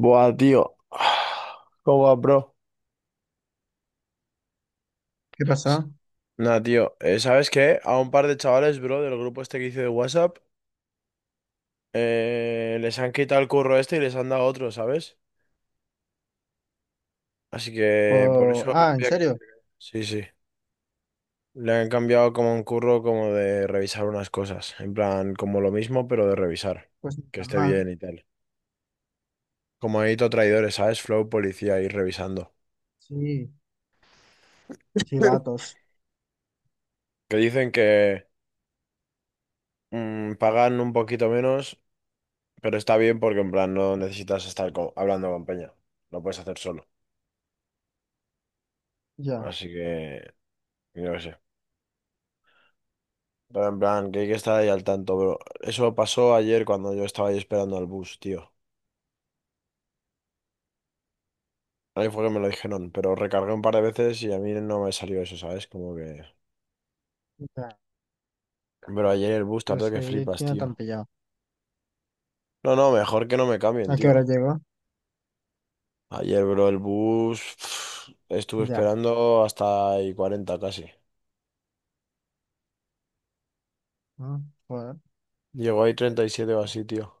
Buah, tío. ¿Cómo va, bro? ¿Qué S- pasó? Nah, tío. ¿Sabes qué? A un par de chavales, bro, del grupo este que hice de WhatsApp, les han quitado el curro este y les han dado otro, ¿sabes? Así que por eso Ah, ¿en había que... serio? Sí, sí. Le han cambiado como un curro como de revisar unas cosas. En plan, como lo mismo, pero de revisar. Pues ni Que tan esté mal. bien y tal. Como edito traidores, ¿sabes? Flow policía ir revisando. Sí, sí, vatos. Que dicen que pagan un poquito menos. Pero está bien porque en plan no necesitas estar hablando con Peña. Lo puedes hacer solo. Ya, Así que, yo qué sé. Pero en plan, que hay que estar ahí al tanto, bro. Eso pasó ayer cuando yo estaba ahí esperando al bus, tío. Ahí fue que me lo dijeron, pero recargué un par de veces y a mí no me salió eso, ¿sabes? Como que... ya. Pero ayer el bus tardó Entonces, que ¿que flipas, tiene tan tío. pillado? No, no, mejor que no me cambien, ¿A qué tío. hora llegó? Ayer, bro, el bus... Estuve Ya. esperando hasta ahí 40 casi. Mm, Joder. Llegó ahí 37 o así, tío.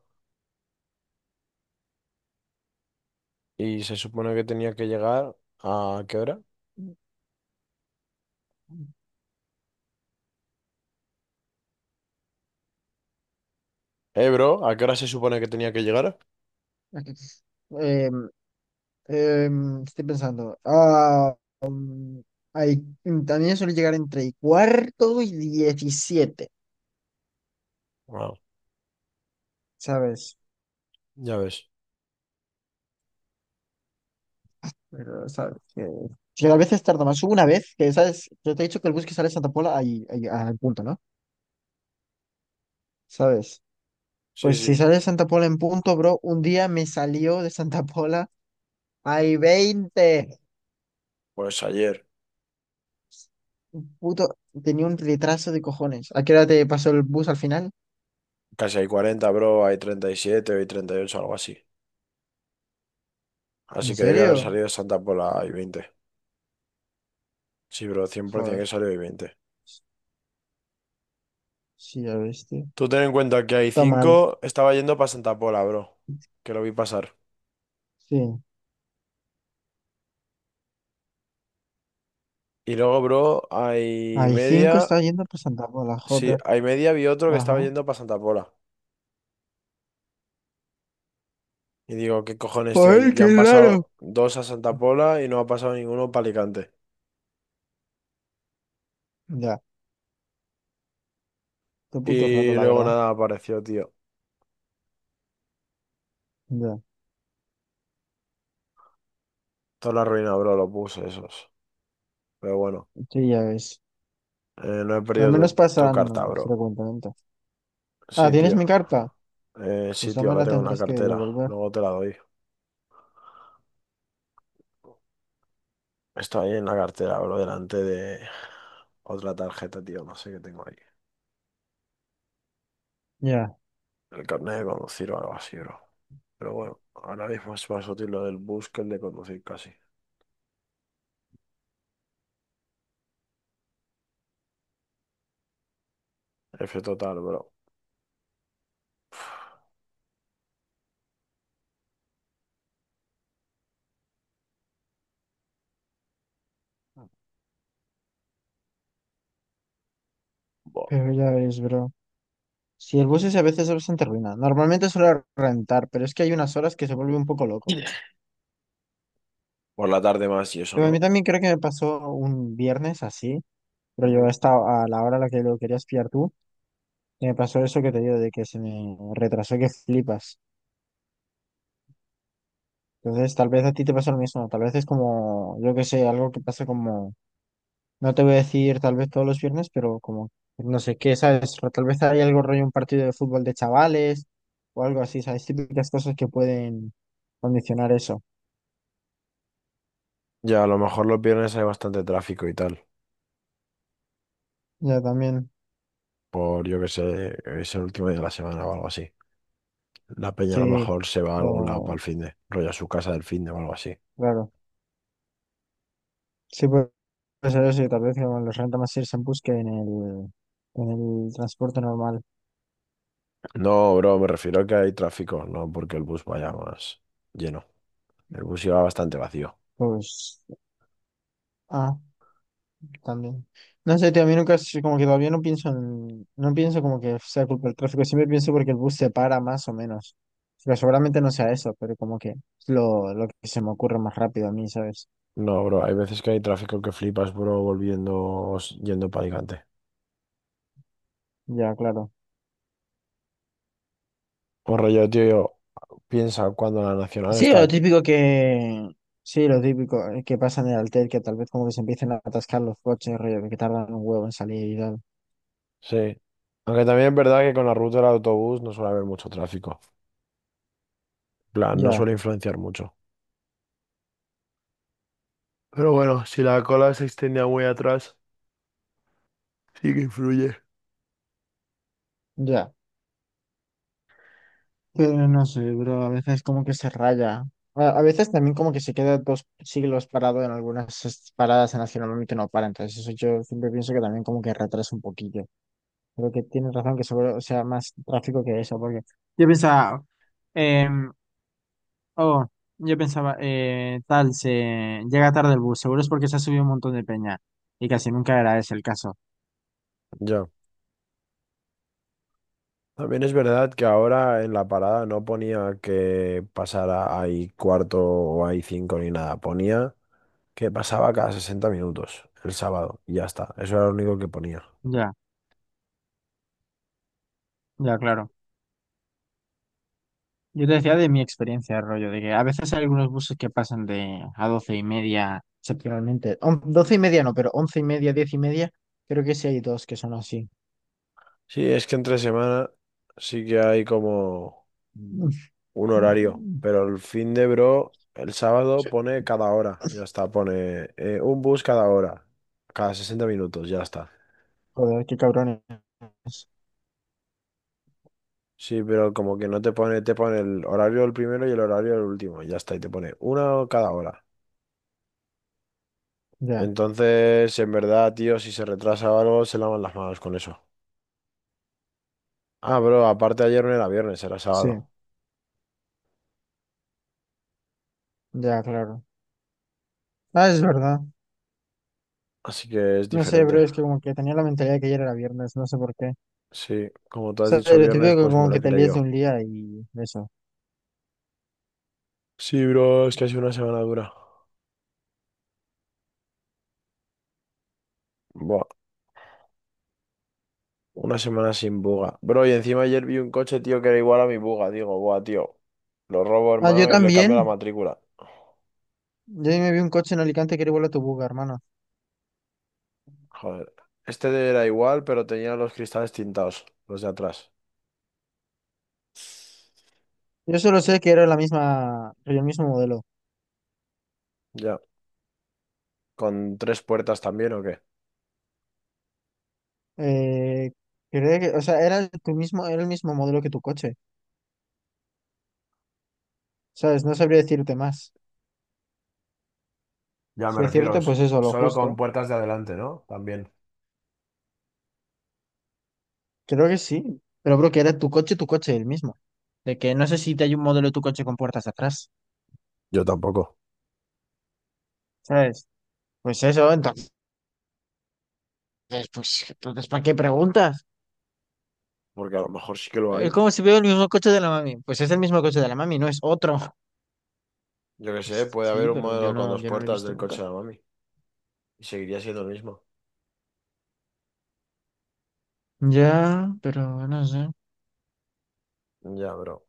Y se supone que tenía que llegar a ¿qué hora? Bro, ¿a qué hora se supone que tenía que llegar? Aquí- Em, estoy pensando. Ah, hay, también suele llegar entre y cuarto y 17, Wow, ¿sabes? ya ves. Pero, ¿sabes? Que a veces tarda más. Hubo una vez que, ¿sabes? Yo te he dicho que el bus que sale de Santa Pola ahí, ahí, al punto, ¿no? ¿Sabes? Sí, Pues sí. si sale Santa Pola en punto, bro, un día me salió de Santa Pola hay 20. Pues ayer. Puto, tenía un retraso de cojones. ¿A qué hora te pasó el bus al final? Casi hay 40, bro. Hay 37, hay 38, algo así. ¿En Así que debe serio? haber salido Santa Pola y 20. Sí, bro, 100% que Joder, salió y 20. sí, ya ves, tío. Tú ten en cuenta que hay Está mal, cinco. Estaba yendo para Santa Pola, bro. Que lo vi pasar. sí. Y luego, bro, hay Hay cinco media. estaba yendo por Santa Pola, Sí, joder. hay media, vi otro que estaba Ajá. yendo para Santa Pola. Y digo, ¿qué cojones, tío? ¡Ay, Ya qué han raro! pasado dos a Santa Pola y no ha pasado ninguno para Alicante. Ya, qué puto raro, Y la luego verdad. nada apareció, tío. Ya, Toda la ruina, bro, lo puse esos. Pero bueno, sí, ya ves. No he Al perdido menos tu carta, pasan bro. frecuentemente. Ah, Sí, ¿tienes tío. mi carta? Eh, Pues sí, ya tío, me la la tengo en la tendrás que cartera. devolver. Luego te la doy. Está ahí en la cartera, bro, delante de otra tarjeta, tío. No sé qué tengo ahí. Ya, El carnet de conducir o algo así, bro. Pero bueno, ahora mismo es más útil lo del bus que el de conducir casi. F total, bro. Buah. pero ya ves, bro. Si el bus es a veces es bastante ruina. Normalmente suelo rentar, pero es que hay unas horas que se vuelve un poco loco. Por la tarde más y eso, Pero a mí ¿no? también creo que me pasó un viernes así, pero yo Ujú. estaba a la hora a la que lo querías pillar tú, que me pasó eso que te digo, de que se me retrasó que flipas. Entonces, tal vez a ti te pasa lo mismo. Tal vez es como, yo qué sé, algo que pasa como, no te voy a decir tal vez todos los viernes, pero como, no sé qué, ¿sabes? Tal vez hay algo rollo, un partido de fútbol de chavales o algo así, ¿sabes? Típicas cosas que pueden condicionar eso. Ya, a lo mejor los viernes hay bastante tráfico y tal, Ya también. por yo que sé, es el último día de la semana o algo así. La peña a lo Sí, mejor se va a algún lado para o el finde, rollo a su casa del finde o algo así. claro. Sí, puede ser eso, y tal vez como los renta más irse en bus que en el, transporte normal. No, bro, me refiero a que hay tráfico, no porque el bus vaya más lleno. El bus iba bastante vacío. Pues, ah, también. No sé, tío, a mí nunca, como que todavía no pienso en, no pienso como que sea culpa del tráfico, siempre pienso porque el bus se para más o menos. Pero seguramente no sea eso, pero como que es lo que se me ocurre más rápido a mí, ¿sabes? No, bro, hay veces que hay tráfico que flipas, bro, volviendo, o yendo para Alicante. Ya, claro. O rollo, tío, yo, piensa cuando la nacional Sí, lo está. típico que. Sí, lo típico que pasa en el alter, que tal vez como que se empiecen a atascar los coches, rollo, de que tardan un huevo en salir y tal. Sí. Aunque también es verdad que con la ruta del autobús no suele haber mucho tráfico. En plan, no Ya, suele influenciar mucho. Pero bueno, si la cola se extendía muy atrás, sí que influye. ya. Pero no sé, bro, a veces como que se raya. A veces también como que se queda dos siglos parado en algunas paradas en las que normalmente no para. Entonces eso yo siempre pienso que también como que retrasa un poquillo. Creo que tienes razón que seguro sea más tráfico que eso, porque yo pensaba... em, Oh, yo pensaba, tal, se llega tarde el bus, seguro es porque se ha subido un montón de peña. Y casi nunca era ese el caso. Ya. También es verdad que ahora en la parada no ponía que pasara ahí cuarto o ahí cinco ni nada. Ponía que pasaba cada 60 minutos el sábado y ya está. Eso era lo único que ponía. Ya, ya, claro. Yo te decía de mi experiencia, rollo, de que a veces hay algunos buses que pasan de a 12:30, excepcionalmente. 12:30 no, pero 11:30, 10:30, creo que sí hay dos que son así. Sí, es que entre semana sí que hay como... Mm. un horario, pero el fin de, bro, el sábado Sí. pone cada hora, ya está, pone un bus cada hora, cada 60 minutos, ya está. Joder, qué cabrones. Sí, pero como que no te pone, te pone el horario del primero y el horario del último, ya está, y te pone una cada hora. Ya, Entonces, en verdad, tío, si se retrasa o algo, se lavan las manos con eso. Ah, bro, aparte ayer no era viernes, era sí, sábado, ya, claro. Ah, es verdad. así que es No sé, diferente. bro, es que como que tenía la mentalidad de que ayer era viernes, no sé por qué. Sí, como tú has Sea, dicho lo viernes, típico que pues me como lo que he te líes de un creído. día y eso. Sí, bro, es que ha sido una semana dura. Buah. Una semana sin buga. Bro, y encima ayer vi un coche, tío, que era igual a mi buga. Digo, buah, tío. Lo robo, Ah, yo hermano, y le cambio la también. matrícula. Yo me vi un coche en Alicante que era igual a tu buga, hermano. Joder. Este era igual, pero tenía los cristales tintados, los de atrás. Yo solo sé que era la misma, el mismo modelo. Ya. ¿Con tres puertas también o qué? Eh, creo que, o sea, era tu mismo, era el mismo modelo que tu coche. ¿Sabes? No sabría decirte más. Ya me Si refiero, decirte, pues eso, lo solo con justo. puertas de adelante, ¿no? También. Creo que sí. Pero creo que era tu coche, el mismo. De que no sé si te hay un modelo de tu coche con puertas atrás. Yo tampoco. ¿Sabes? Pues eso, entonces, ¿para qué preguntas? Porque a lo mejor sí que lo Es hay. como si veo el mismo coche de la mami. Pues es el mismo coche de la mami, no es otro. Yo qué sé, Pues puede sí, haber un pero yo modelo con no, dos yo no lo he puertas visto del nunca. coche de la mami. Y seguiría siendo el mismo. Ya, pero no sé. Ya, bro.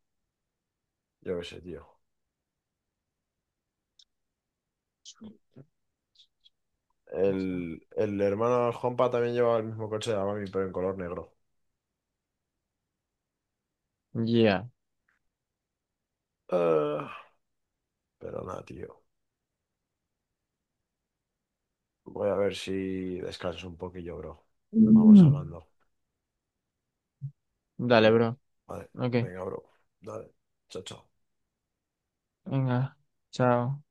Yo qué sé, tío. El hermano de Juanpa también llevaba el mismo coche de la mami, pero en color negro. Ya. Ah, pero nada, tío. Voy a ver si descanso un poquillo, bro. Vamos Mm. hablando. Dale, Mm, bro. vale, Ok, venga, bro. Dale, chao, chao. venga. Chao.